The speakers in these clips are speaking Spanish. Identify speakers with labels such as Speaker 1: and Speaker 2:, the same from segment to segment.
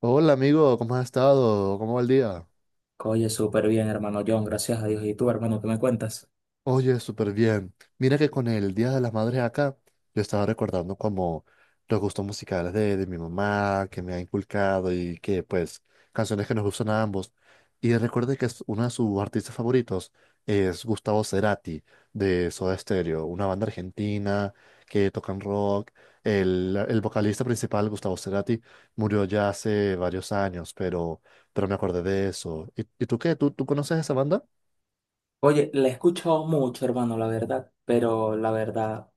Speaker 1: Hola amigo, ¿cómo has estado? ¿Cómo va el día?
Speaker 2: Oye, súper bien, hermano John, gracias a Dios. ¿Y tú, hermano, qué me cuentas?
Speaker 1: Oye, súper bien. Mira que con el Día de las Madres acá, yo estaba recordando como los gustos musicales de mi mamá, que me ha inculcado y que pues canciones que nos gustan a ambos. Y recuerdo que es uno de sus artistas favoritos es Gustavo Cerati de Soda Stereo, una banda argentina que tocan rock. El vocalista principal, Gustavo Cerati, murió ya hace varios años, pero me acordé de eso. Y tú qué? ¿Tú conoces esa banda?
Speaker 2: Oye, la he escuchado mucho, hermano, la verdad, pero la verdad,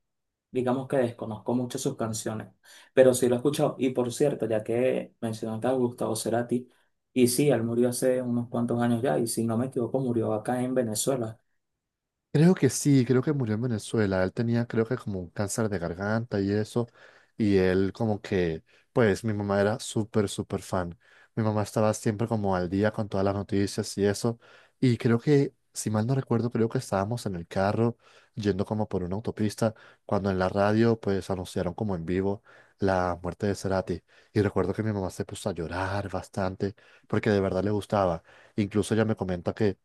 Speaker 2: digamos que desconozco mucho sus canciones, pero sí lo he escuchado. Y por cierto, ya que mencionaste a Gustavo Cerati, y sí, él murió hace unos cuantos años ya, y si no me equivoco, murió acá en Venezuela.
Speaker 1: Creo que sí, creo que murió en Venezuela. Él tenía, creo que como un cáncer de garganta y eso. Y él como que, pues mi mamá era súper, súper fan. Mi mamá estaba siempre como al día con todas las noticias y eso. Y creo que, si mal no recuerdo, creo que estábamos en el carro yendo como por una autopista cuando en la radio pues anunciaron como en vivo la muerte de Cerati. Y recuerdo que mi mamá se puso a llorar bastante porque de verdad le gustaba. Incluso ella me comenta que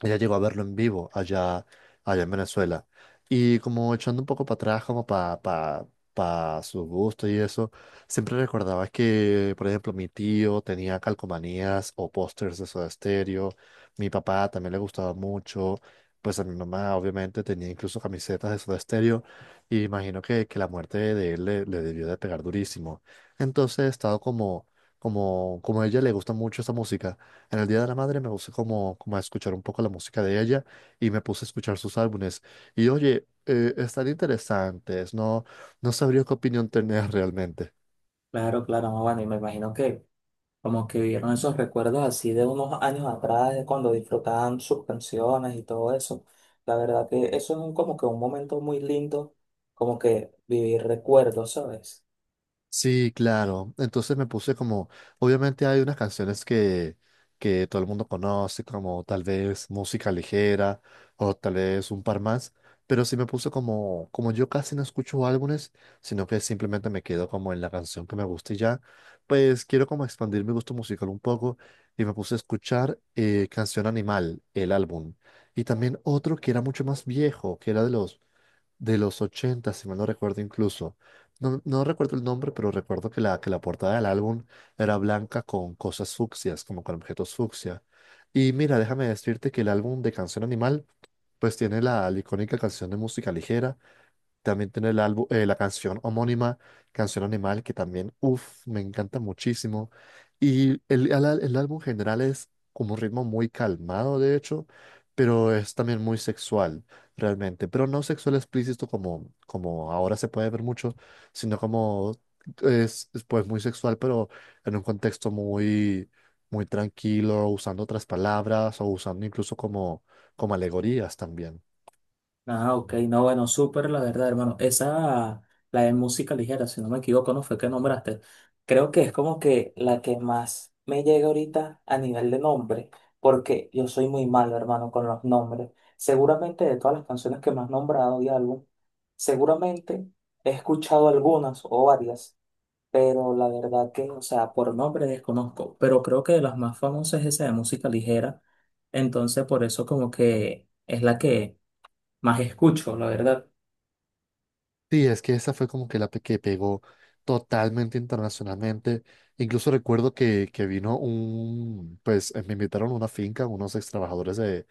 Speaker 1: ella llegó a verlo en vivo allá, allá en Venezuela. Y como echando un poco para atrás, como para pa su gusto y eso, siempre recordaba que, por ejemplo, mi tío tenía calcomanías o pósters de Soda Stereo. Mi papá también le gustaba mucho. Pues a mi mamá, obviamente, tenía incluso camisetas de Soda Stereo. Y imagino que la muerte de él le debió de pegar durísimo. Entonces he estado como, como a ella le gusta mucho esa música. En el Día de la Madre me puse como, como a escuchar un poco la música de ella y me puse a escuchar sus álbumes. Y oye, están interesantes, no, no sabría qué opinión tener realmente.
Speaker 2: Claro, claro, no, bueno, y me imagino que como que vivieron esos recuerdos así de unos años atrás, de cuando disfrutaban sus canciones y todo eso. La verdad que eso es como que un momento muy lindo, como que vivir recuerdos, ¿sabes?
Speaker 1: Sí, claro. Entonces me puse como, obviamente hay unas canciones que todo el mundo conoce, como tal vez música ligera o tal vez un par más, pero sí me puse como, como yo casi no escucho álbumes, sino que simplemente me quedo como en la canción que me gusta y ya, pues quiero como expandir mi gusto musical un poco y me puse a escuchar Canción Animal, el álbum, y también otro que era mucho más viejo, que era de los 80, si mal no recuerdo incluso. No, no recuerdo el nombre, pero recuerdo que que la portada del álbum era blanca con cosas fucsias, como con objetos fucsia. Y mira, déjame decirte que el álbum de Canción Animal, pues tiene la icónica canción de música ligera, también tiene el álbum, la canción homónima, Canción Animal, que también, uff, me encanta muchísimo. Y el álbum en general es como un ritmo muy calmado, de hecho, pero es también muy sexual, realmente. Pero no sexual explícito como, como ahora se puede ver mucho, sino como es, pues muy sexual, pero en un contexto muy, muy tranquilo, usando otras palabras o usando incluso como, como alegorías también.
Speaker 2: Ah, ok, no, bueno, súper, la verdad, hermano. Esa, la de música ligera, si no me equivoco, no fue que nombraste. Creo que es como que la que más me llega ahorita a nivel de nombre, porque yo soy muy malo, hermano, con los nombres. Seguramente de todas las canciones que me has nombrado y álbum, seguramente he escuchado algunas o varias, pero la verdad que, o sea, por nombre desconozco, pero creo que de las más famosas es esa de música ligera, entonces por eso como que es la que más escucho, la verdad.
Speaker 1: Sí, es que esa fue como que que pegó totalmente internacionalmente. Incluso recuerdo que vino un, pues me invitaron a una finca, unos ex trabajadores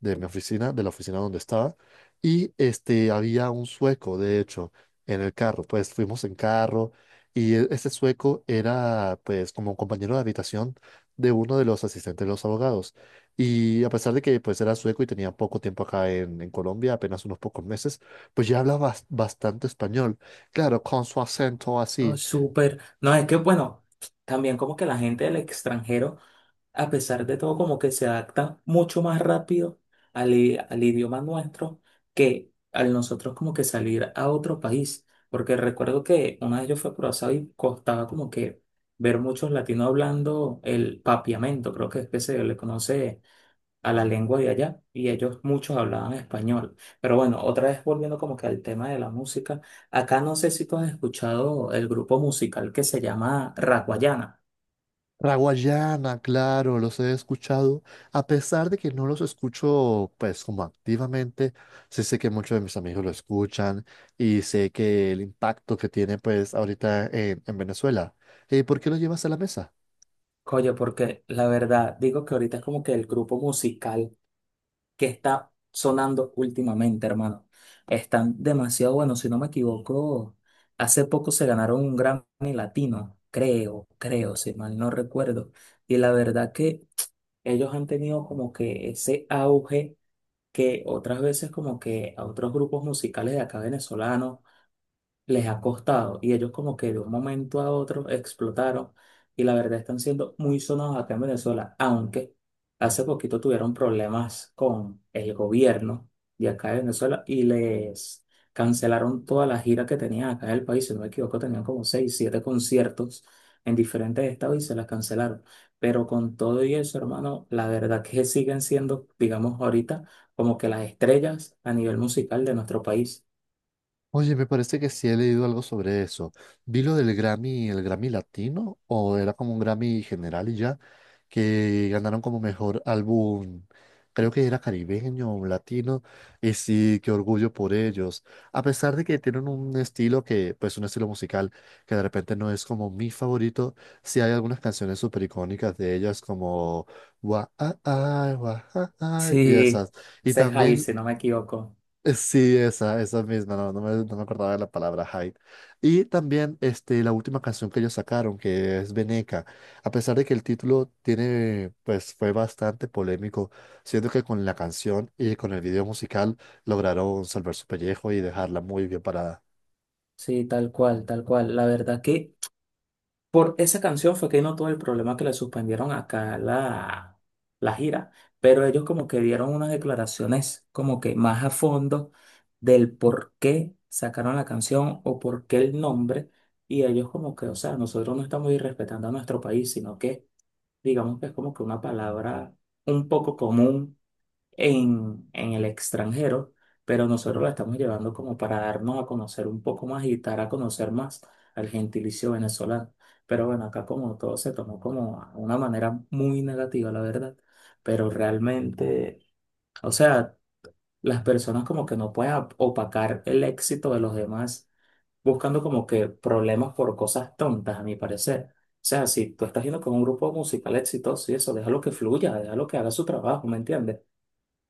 Speaker 1: de mi oficina, de la oficina donde estaba, y este, había un sueco, de hecho, en el carro. Pues fuimos en carro y ese sueco era, pues, como un compañero de habitación de uno de los asistentes de los abogados. Y a pesar de que, pues, era sueco y tenía poco tiempo acá en Colombia, apenas unos pocos meses, pues ya habla bastante español. Claro, con su acento
Speaker 2: No,
Speaker 1: así.
Speaker 2: súper. No, es que bueno, también como que la gente del extranjero, a pesar de todo, como que se adapta mucho más rápido al idioma nuestro que al nosotros como que salir a otro país. Porque recuerdo que una vez yo fui a Curazao y costaba como que ver muchos latinos hablando el papiamento, creo que es que se le conoce a la lengua de allá y ellos muchos hablaban español. Pero bueno, otra vez volviendo como que al tema de la música, acá no sé si tú has escuchado el grupo musical que se llama Raguayana.
Speaker 1: La guayana, claro, los he escuchado. A pesar de que no los escucho, pues, como activamente, sí sé que muchos de mis amigos lo escuchan y sé que el impacto que tiene, pues, ahorita en Venezuela. ¿Por qué lo llevas a la mesa?
Speaker 2: Oye, porque la verdad digo que ahorita es como que el grupo musical que está sonando últimamente, hermano. Están demasiado buenos, si no me equivoco, hace poco se ganaron un Grammy Latino, creo, creo, si mal no recuerdo. Y la verdad que ellos han tenido como que ese auge que otras veces como que a otros grupos musicales de acá venezolanos les ha costado y ellos como que de un momento a otro explotaron y la verdad están siendo muy sonados acá en Venezuela, aunque hace poquito tuvieron problemas con el gobierno de acá de Venezuela y les cancelaron toda la gira que tenían acá en el país, si no me equivoco, tenían como 6, 7 conciertos en diferentes estados y se las cancelaron. Pero con todo y eso, hermano, la verdad que siguen siendo, digamos ahorita, como que las estrellas a nivel musical de nuestro país.
Speaker 1: Oye, me parece que sí he leído algo sobre eso. Vi lo del Grammy, el Grammy Latino, o era como un Grammy general y ya, que ganaron como mejor álbum, creo que era caribeño o latino, y sí, qué orgullo por ellos. A pesar de que tienen un estilo que, pues un estilo musical que de repente no es como mi favorito, sí hay algunas canciones súper icónicas de ellas como Wa, ah, ah, y
Speaker 2: Sí,
Speaker 1: esas. Y
Speaker 2: ese es ahí,
Speaker 1: también
Speaker 2: si no me equivoco.
Speaker 1: sí, esa misma, no, no me acordaba de la palabra Hyde. Y también este, la última canción que ellos sacaron, que es Veneca. A pesar de que el título tiene, pues fue bastante polémico, siento que con la canción y con el video musical lograron salvar su pellejo y dejarla muy bien parada.
Speaker 2: Sí, tal cual, tal cual. La verdad que por esa canción fue que no tuvo el problema que le suspendieron acá la gira, pero ellos como que dieron unas declaraciones como que más a fondo del por qué sacaron la canción o por qué el nombre, y ellos como que, o sea, nosotros no estamos irrespetando a nuestro país, sino que digamos que es como que una palabra un poco común en el extranjero, pero nosotros la estamos llevando como para darnos a conocer un poco más y dar a conocer más al gentilicio venezolano. Pero bueno, acá como todo se tomó como a una manera muy negativa, la verdad, pero realmente, o sea, las personas como que no pueden opacar el éxito de los demás buscando como que problemas por cosas tontas, a mi parecer. O sea, si tú estás yendo con un grupo musical exitoso y eso, déjalo que fluya, déjalo que haga su trabajo, ¿me entiendes?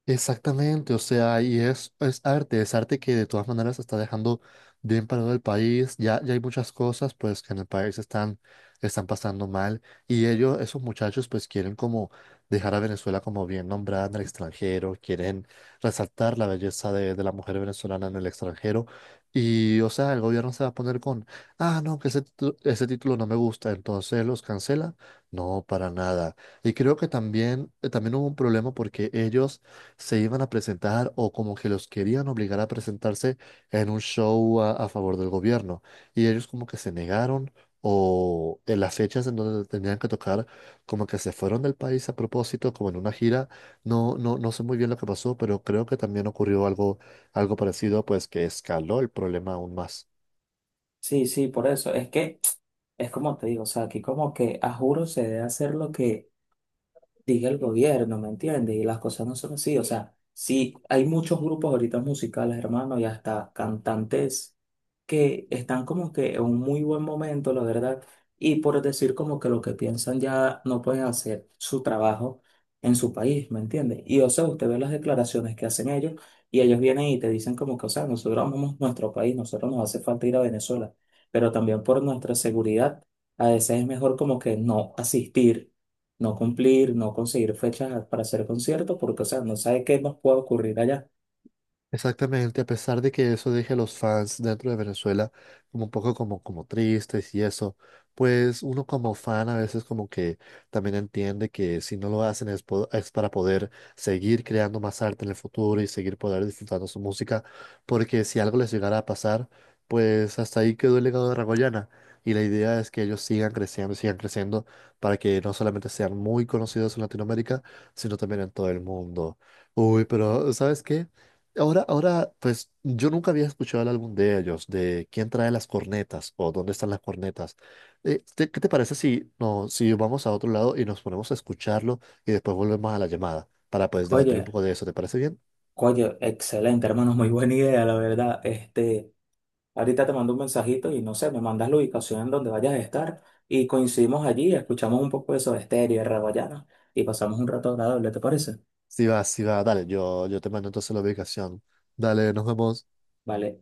Speaker 1: Exactamente, o sea, y es arte que de todas maneras está dejando bien parado el país. Ya hay muchas cosas pues que en el país están, están pasando mal y ellos, esos muchachos pues quieren como dejar a Venezuela como bien nombrada en el extranjero, quieren resaltar la belleza de la mujer venezolana en el extranjero y o sea, el gobierno se va a poner con, ah, no, que ese, ese título no me gusta, entonces los cancela. No, para nada. Y creo que también, también hubo un problema porque ellos se iban a presentar o como que los querían obligar a presentarse en un show a favor del gobierno. Y ellos como que se negaron o en las fechas en donde tenían que tocar, como que se fueron del país a propósito, como en una gira. No, no sé muy bien lo que pasó, pero creo que también ocurrió algo, algo parecido, pues que escaló el problema aún más.
Speaker 2: Sí, sí, por eso. Es que es como te digo, o sea, aquí como que a juro se debe hacer lo que diga el gobierno, ¿me entiendes? Y las cosas no son así. O sea, sí, hay muchos grupos ahorita musicales, hermano, y hasta cantantes que están como que en un muy buen momento, la verdad, y por decir como que lo que piensan ya no pueden hacer su trabajo en su país, ¿me entiendes? Y o sea, usted ve las declaraciones que hacen ellos y ellos vienen y te dicen como que, o sea, nosotros amamos nuestro país, nosotros nos hace falta ir a Venezuela, pero también por nuestra seguridad, a veces es mejor como que no asistir no cumplir, no conseguir fechas para hacer conciertos, porque, o sea, no sabe qué más puede ocurrir allá.
Speaker 1: Exactamente, a pesar de que eso deje a los fans dentro de Venezuela como un poco como, como tristes y eso, pues uno como fan a veces como que también entiende que si no lo hacen es para poder seguir creando más arte en el futuro y seguir poder disfrutando su música, porque si algo les llegara a pasar, pues hasta ahí quedó el legado de Ragoyana y la idea es que ellos sigan creciendo y sigan creciendo para que no solamente sean muy conocidos en Latinoamérica, sino también en todo el mundo. Uy, pero ¿sabes qué? Ahora, ahora, pues yo nunca había escuchado el álbum de ellos, de quién trae las cornetas o dónde están las cornetas. ¿ qué te parece si, no, si vamos a otro lado y nos ponemos a escucharlo y después volvemos a la llamada para pues debatir un
Speaker 2: Oye,
Speaker 1: poco de eso? ¿Te parece bien?
Speaker 2: oye, excelente, hermano, muy buena idea, la verdad. Este, ahorita te mando un mensajito y no sé, me mandas la ubicación en donde vayas a estar y coincidimos allí, escuchamos un poco de Soda Stereo y de Rawayana y pasamos un rato agradable, ¿te parece?
Speaker 1: Sí va, dale, yo te mando entonces la ubicación. Dale, nos vemos.
Speaker 2: Vale.